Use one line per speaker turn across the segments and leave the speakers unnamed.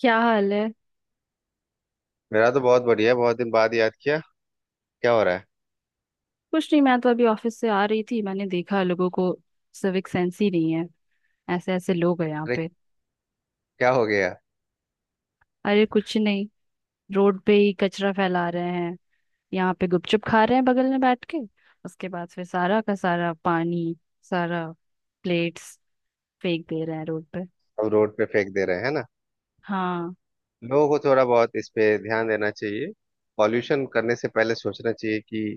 क्या हाल है।
मेरा तो बहुत बढ़िया है। बहुत दिन बाद याद किया। क्या हो रहा है?
कुछ नहीं, मैं तो अभी ऑफिस से आ रही थी। मैंने देखा लोगों को सिविक सेंस ही नहीं है। ऐसे ऐसे लोग हैं यहाँ
अरे,
पे।
क्या हो गया?
अरे कुछ नहीं। रोड पे ही कचरा फैला रहे हैं। यहाँ पे गुपचुप खा रहे हैं बगल में बैठ के। उसके बाद फिर सारा का सारा पानी, सारा प्लेट्स फेंक दे रहे हैं रोड पे।
हम रोड पे फेंक दे रहे हैं, है ना।
हाँ।
लोगों को थोड़ा बहुत इस पे ध्यान देना चाहिए। पॉल्यूशन करने से पहले सोचना चाहिए कि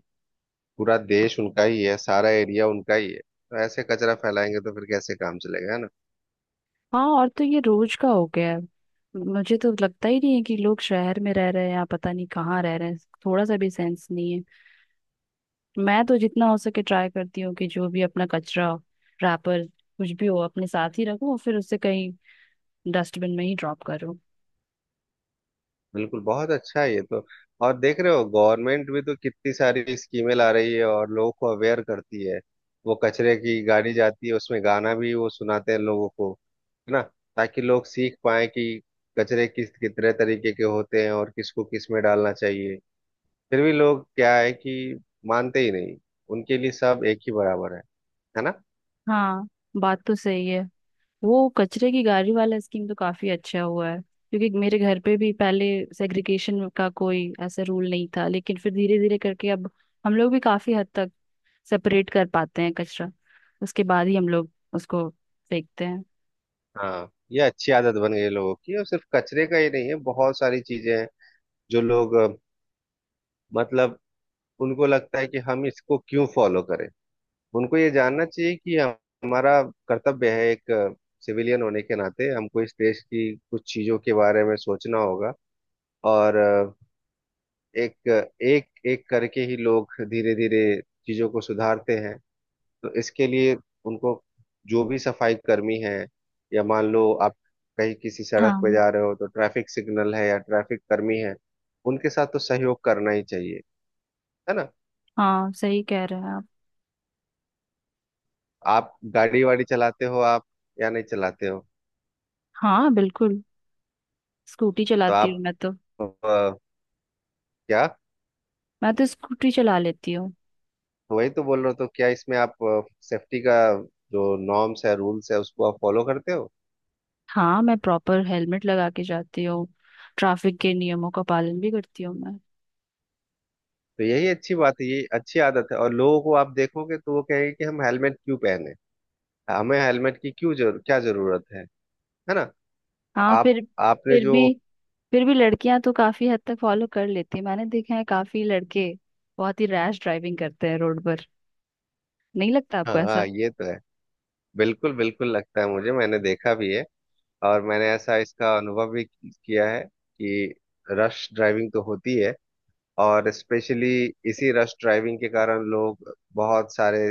पूरा देश उनका ही है, सारा एरिया उनका ही है, तो ऐसे कचरा फैलाएंगे तो फिर कैसे काम चलेगा, है ना।
हाँ, और तो ये रोज का हो गया है। मुझे तो लगता ही नहीं है कि लोग शहर में रह रहे हैं या पता नहीं कहाँ रह रहे हैं। थोड़ा सा भी सेंस नहीं है। मैं तो जितना हो सके ट्राई करती हूँ कि जो भी अपना कचरा, रैपर कुछ भी हो, अपने साथ ही रखूं और फिर उसे कहीं डस्टबिन में ही ड्रॉप करूँ।
बिल्कुल, बहुत अच्छा है ये तो। और देख रहे हो, गवर्नमेंट भी तो कितनी सारी स्कीमें ला रही है और लोगों को अवेयर करती है। वो कचरे की गाड़ी जाती है, उसमें गाना भी वो सुनाते हैं लोगों को, है ना। ताकि लोग सीख पाए कि कचरे किस कितने तरीके के होते हैं और किसको किस में डालना चाहिए। फिर भी लोग क्या है कि मानते ही नहीं, उनके लिए सब एक ही बराबर है। है ना।
हाँ, बात तो सही है। वो कचरे की गाड़ी वाला स्कीम तो काफी अच्छा हुआ है क्योंकि मेरे घर पे भी पहले सेग्रीगेशन का कोई ऐसा रूल नहीं था, लेकिन फिर धीरे धीरे करके अब हम लोग भी काफी हद तक सेपरेट कर पाते हैं कचरा। उसके बाद ही हम लोग उसको फेंकते हैं।
हाँ, ये अच्छी आदत बन गई है लोगों की। और सिर्फ कचरे का ही नहीं है, बहुत सारी चीजें हैं जो लोग मतलब उनको लगता है कि हम इसको क्यों फॉलो करें। उनको ये जानना चाहिए कि हमारा कर्तव्य है। एक सिविलियन होने के नाते हमको इस देश की कुछ चीजों के बारे में सोचना होगा। और एक एक एक करके ही लोग धीरे धीरे चीजों को सुधारते हैं। तो इसके लिए उनको, जो भी सफाई कर्मी है, या मान लो आप कहीं किसी सड़क पे
हाँ।
जा रहे हो तो ट्रैफिक सिग्नल है या ट्रैफिक कर्मी है, उनके साथ तो सहयोग करना ही चाहिए, है ना।
हाँ, सही कह रहे हैं आप।
आप गाड़ी वाड़ी चलाते हो आप, या नहीं चलाते हो?
हाँ, बिल्कुल। स्कूटी
तो
चलाती हूँ
आप
मैं तो।
अ, क्या?
मैं तो स्कूटी चला लेती हूँ।
तो वही तो बोल रहे हो, तो क्या इसमें आप सेफ्टी का जो नॉर्म्स है रूल्स है उसको आप फॉलो करते हो?
हाँ, मैं प्रॉपर हेलमेट लगा के जाती हूँ। ट्रैफिक के नियमों का पालन भी करती हूँ मैं।
तो यही अच्छी बात है, ये अच्छी आदत है। और लोगों को आप देखोगे तो वो कहेंगे कि हम हेलमेट क्यों पहने, हमें हेलमेट की क्यों जरूर क्या जरूरत है। है ना।
हाँ।
आप आपने
फिर
जो,
भी फिर भी लड़कियां तो काफी हद तक फॉलो कर लेती हैं। मैंने देखा है काफी लड़के बहुत ही रैश ड्राइविंग करते हैं रोड पर। नहीं लगता आपको
हाँ
ऐसा?
हाँ, ये तो है। बिल्कुल बिल्कुल लगता है मुझे, मैंने देखा भी है। और मैंने ऐसा इसका अनुभव भी किया है कि रश ड्राइविंग तो होती है, और स्पेशली इसी रश ड्राइविंग के कारण लोग बहुत सारे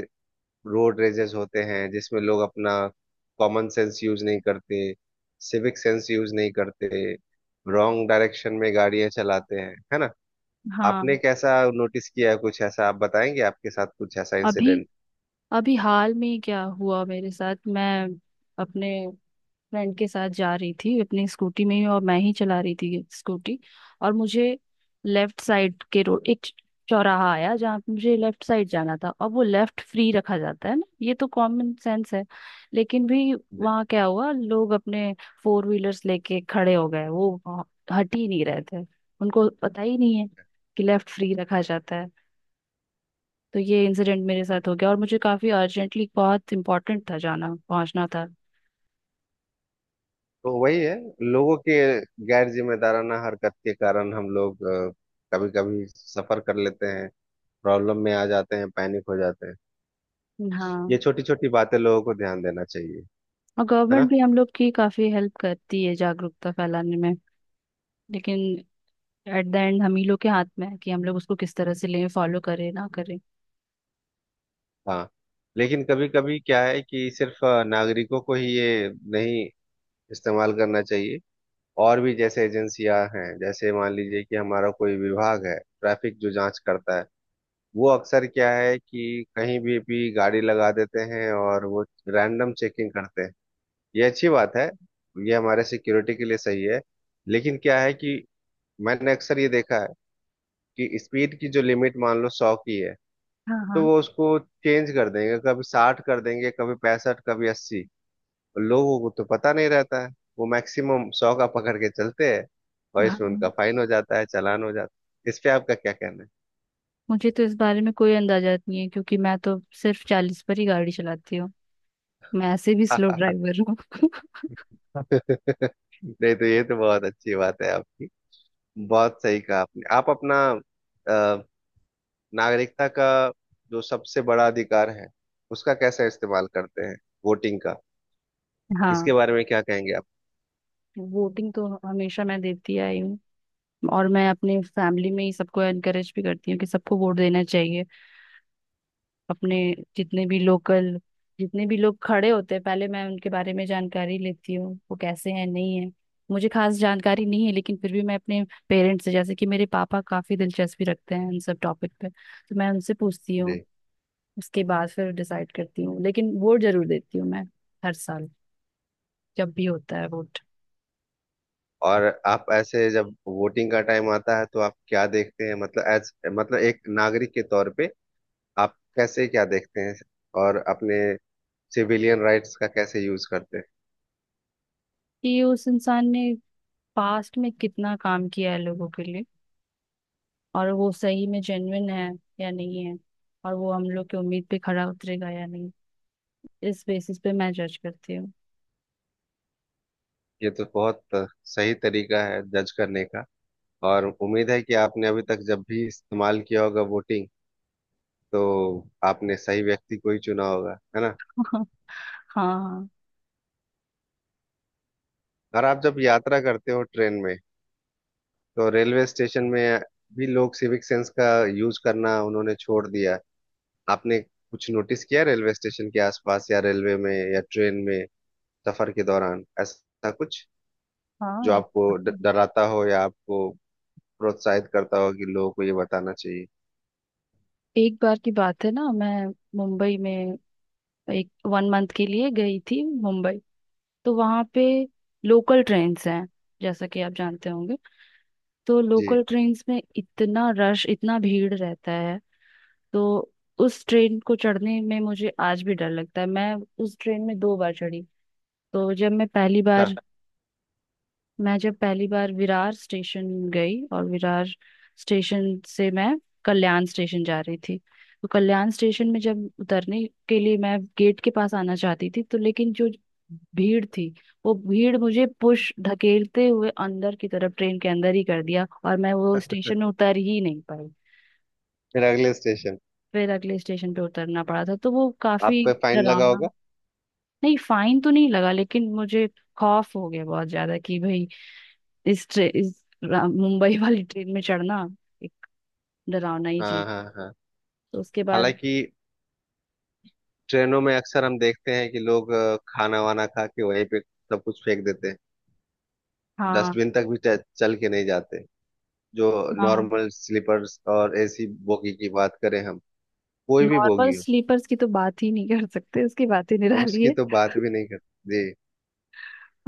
रोड रेजेस होते हैं जिसमें लोग अपना कॉमन सेंस यूज नहीं करते, सिविक सेंस यूज नहीं करते, रॉन्ग डायरेक्शन में गाड़ियां चलाते हैं, है ना। आपने
हाँ।
कैसा नोटिस किया है? कुछ ऐसा आप बताएंगे, आपके साथ कुछ ऐसा
अभी
इंसिडेंट?
अभी हाल में ही क्या हुआ मेरे साथ, मैं अपने फ्रेंड के साथ जा रही थी अपनी स्कूटी में ही, और मैं ही चला रही थी स्कूटी। और मुझे लेफ्ट साइड के रोड एक चौराहा आया जहाँ पे मुझे लेफ्ट साइड जाना था, और वो लेफ्ट फ्री रखा जाता है ना, ये तो कॉमन सेंस है। लेकिन भी वहाँ क्या हुआ, लोग अपने फोर व्हीलर्स लेके खड़े हो गए वो वहाँ, हट ही नहीं रहे थे। उनको पता ही नहीं है कि लेफ्ट फ्री रखा जाता है। तो ये इंसिडेंट मेरे साथ हो गया और मुझे काफी अर्जेंटली बहुत इंपॉर्टेंट था, जाना पहुंचना था।
तो वही है, लोगों के गैर जिम्मेदाराना हरकत के कारण हम लोग कभी कभी सफर कर लेते हैं, प्रॉब्लम में आ जाते हैं, पैनिक हो जाते हैं। ये
हाँ।
छोटी छोटी बातें लोगों को ध्यान देना चाहिए,
और
है
गवर्नमेंट
ना।
भी हम लोग की काफी हेल्प करती है जागरूकता फैलाने में। लेकिन एट द एंड हम ही लोग के हाथ में है कि हम लोग उसको किस तरह से लें, फॉलो करें ना करें।
हाँ। लेकिन कभी कभी क्या है कि सिर्फ नागरिकों को ही ये नहीं इस्तेमाल करना चाहिए, और भी जैसे एजेंसियां हैं। जैसे मान लीजिए कि हमारा कोई विभाग है ट्रैफिक, जो जांच करता है। वो अक्सर क्या है कि कहीं भी गाड़ी लगा देते हैं और वो रैंडम चेकिंग करते हैं। ये अच्छी बात है, ये हमारे सिक्योरिटी के लिए सही है। लेकिन क्या है कि मैंने अक्सर ये देखा है कि स्पीड की जो लिमिट मान लो 100 की है,
हाँ,
तो
हाँ,
वो उसको चेंज कर देंगे, कभी 60 कर देंगे, कभी 65, कभी 80। लोगों को तो पता नहीं रहता है, वो मैक्सिमम 100 का पकड़ के चलते हैं। और इसमें उनका
हाँ।
फाइन हो जाता है, चालान हो जाता है। इस पे आपका क्या कहना है?
मुझे तो इस बारे में कोई अंदाजा नहीं है क्योंकि मैं तो सिर्फ 40 पर ही गाड़ी चलाती हूँ। मैं ऐसे भी स्लो ड्राइवर हूँ।
नहीं, तो ये तो बहुत अच्छी बात है आपकी। बहुत सही कहा आपने। आप अपना अ, नागरिकता का जो सबसे बड़ा अधिकार है उसका कैसे इस्तेमाल करते हैं, वोटिंग का? इसके
हाँ।
बारे में क्या कहेंगे आप?
वोटिंग तो हमेशा मैं देती आई हूँ। और मैं अपने फैमिली में ही सबको एनकरेज भी करती हूँ कि सबको वोट देना चाहिए। अपने जितने भी लोकल, जितने भी लोग खड़े होते हैं, पहले मैं उनके बारे में जानकारी लेती हूँ वो कैसे हैं नहीं है। मुझे खास जानकारी नहीं है लेकिन फिर भी मैं अपने पेरेंट्स से, जैसे कि मेरे पापा काफी दिलचस्पी रखते हैं इन सब टॉपिक पे, तो मैं उनसे पूछती हूँ।
जी।
उसके बाद फिर डिसाइड करती हूँ, लेकिन वोट जरूर देती हूँ मैं, हर साल जब भी होता है वोट।
और आप ऐसे जब वोटिंग का टाइम आता है तो आप क्या देखते हैं? मतलब एज, मतलब एक नागरिक के तौर पे आप कैसे क्या देखते हैं और अपने सिविलियन राइट्स का कैसे यूज करते हैं?
कि उस इंसान ने पास्ट में कितना काम किया है लोगों के लिए, और वो सही में जेन्युइन है या नहीं है, और वो हम लोग की उम्मीद पे खरा उतरेगा या नहीं, इस बेसिस पे मैं जज करती हूँ।
ये तो बहुत सही तरीका है जज करने का। और उम्मीद है कि आपने अभी तक जब भी इस्तेमाल किया होगा वोटिंग, तो आपने सही व्यक्ति को ही चुना होगा, है ना।
हाँ। हाँ,
और आप जब यात्रा करते हो ट्रेन में, तो रेलवे स्टेशन में भी लोग सिविक सेंस का यूज करना उन्होंने छोड़ दिया। आपने कुछ नोटिस किया रेलवे स्टेशन के आसपास, या रेलवे में या ट्रेन में सफर के दौरान, ऐसा कुछ जो
हाँ,
आपको
काफी।
डराता हो या आपको प्रोत्साहित करता हो कि लोगों को ये बताना चाहिए?
एक बार की बात है ना, मैं मुंबई में एक 1 मंथ के लिए गई थी मुंबई। तो वहां पे लोकल ट्रेन्स हैं, जैसा कि आप जानते होंगे। तो
जी।
लोकल ट्रेन्स में इतना रश, इतना भीड़ रहता है। तो उस ट्रेन को चढ़ने में मुझे आज भी डर लगता है। मैं उस ट्रेन में 2 बार चढ़ी। तो जब मैं पहली बार
हाँ।
मैं जब पहली बार विरार स्टेशन गई, और विरार स्टेशन से मैं कल्याण स्टेशन जा रही थी। तो कल्याण स्टेशन में जब उतरने के लिए मैं गेट के पास आना चाहती थी, तो लेकिन जो भीड़ थी, वो भीड़ मुझे पुश धकेलते हुए अंदर की तरफ ट्रेन के अंदर ही कर दिया, और मैं वो स्टेशन में उतर ही नहीं पाई।
फिर अगले स्टेशन।
फिर अगले स्टेशन पे उतरना पड़ा था, तो वो
आप
काफी
पे फाइन लगा
डरावना।
होगा?
नहीं, फाइन तो नहीं लगा लेकिन मुझे खौफ हो गया बहुत ज्यादा कि भाई इस, ट्रे, इस रा- मुंबई वाली ट्रेन में चढ़ना एक डरावना ही
हाँ
चीज।
हाँ हाँ।
तो उसके बाद।
हालांकि ट्रेनों में अक्सर हम देखते हैं कि लोग खाना वाना खा के वहीं पे सब कुछ फेंक देते हैं।
हाँ।
डस्टबिन तक भी चल के नहीं जाते। जो
हाँ।
नॉर्मल स्लीपर्स और एसी बोगी की बात करें हम, कोई भी
नॉर्मल
बोगी हो।
स्लीपर्स की तो बात ही नहीं कर सकते, उसकी बात ही
और
निराली
उसकी
है।
तो बात भी नहीं करते जी।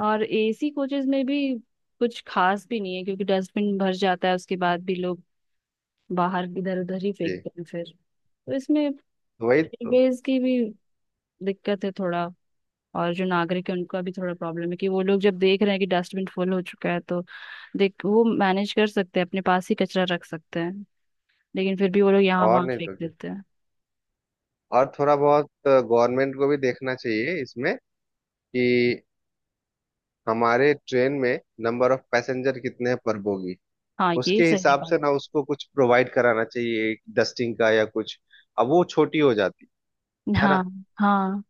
और एसी कोचेज में भी कुछ खास भी नहीं है क्योंकि डस्टबिन भर जाता है, उसके बाद भी लोग बाहर इधर उधर ही
जी।
फेंकते हैं फिर। तो इसमें
तो वही तो।
रेलवेज की भी दिक्कत है थोड़ा, और जो नागरिक है उनका भी थोड़ा प्रॉब्लम है कि वो लोग जब देख रहे हैं कि डस्टबिन फुल हो चुका है, तो देख वो मैनेज कर सकते हैं, अपने पास ही कचरा रख सकते हैं, लेकिन फिर भी वो लोग यहाँ
और
वहाँ
नहीं
फेंक
तो क्या।
देते हैं।
और थोड़ा बहुत गवर्नमेंट को भी देखना चाहिए इसमें, कि हमारे ट्रेन में नंबर ऑफ पैसेंजर कितने हैं पर बोगी।
हाँ, ये
उसके
सही
हिसाब
बात।
से ना उसको कुछ प्रोवाइड कराना चाहिए डस्टिंग का या कुछ। अब वो छोटी हो जाती, है ना।
हाँ, हाँ,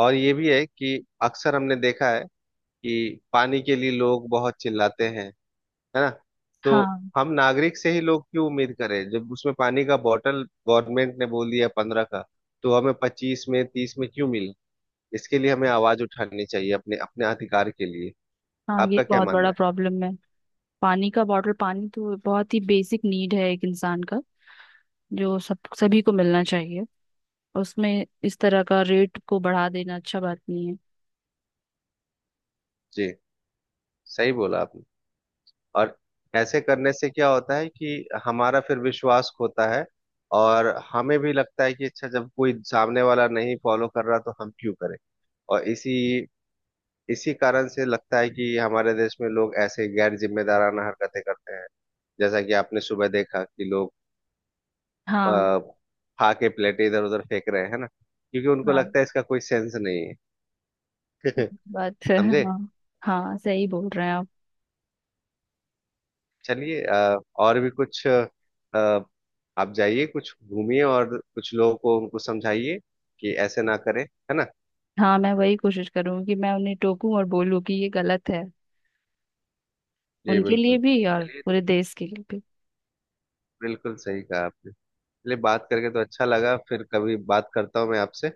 और ये भी है कि अक्सर हमने देखा है कि पानी के लिए लोग बहुत चिल्लाते हैं, है ना। तो
हाँ।
हम नागरिक से ही लोग क्यों उम्मीद करें, जब उसमें पानी का बॉटल गवर्नमेंट ने बोल दिया 15 का, तो हमें 25 में 30 में क्यों मिले? इसके लिए हमें आवाज उठानी चाहिए अपने अपने अधिकार के लिए।
हाँ, ये
आपका क्या
बहुत बड़ा
मानना है?
प्रॉब्लम है। पानी का बॉटल, पानी तो बहुत ही बेसिक नीड है एक इंसान का, जो सब सभी को मिलना चाहिए। उसमें इस तरह का रेट को बढ़ा देना अच्छा बात नहीं है।
जी, सही बोला आपने। और ऐसे करने से क्या होता है कि हमारा फिर विश्वास खोता है। और हमें भी लगता है कि अच्छा, जब कोई सामने वाला नहीं फॉलो कर रहा तो हम क्यों करें। और इसी इसी कारण से लगता है कि हमारे देश में लोग ऐसे गैर जिम्मेदाराना हरकतें करते हैं। जैसा कि आपने सुबह देखा कि लोग
हाँ।
आ, खा के प्लेटें इधर उधर फेंक रहे हैं ना, क्योंकि उनको
हाँ,
लगता है इसका कोई सेंस नहीं है।
बात है।
समझे?
हाँ, हाँ, सही बोल रहे हैं आप।
चलिए, और भी कुछ। आप जाइए, कुछ घूमिए और कुछ लोगों को उनको समझाइए कि ऐसे ना करें, है ना।
हाँ, मैं वही कोशिश करूँ कि मैं उन्हें टोकूं और बोलूँ कि ये गलत है।
जी
उनके लिए
बिल्कुल।
भी और
चलिए,
पूरे देश के लिए भी।
बिल्कुल सही कहा आपने। चलिए, बात करके तो अच्छा लगा, फिर कभी बात करता हूँ मैं आपसे।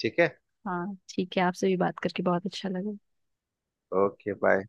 ठीक है।
हाँ, ठीक है। आपसे भी बात करके बहुत अच्छा लगा।
Okay, bye.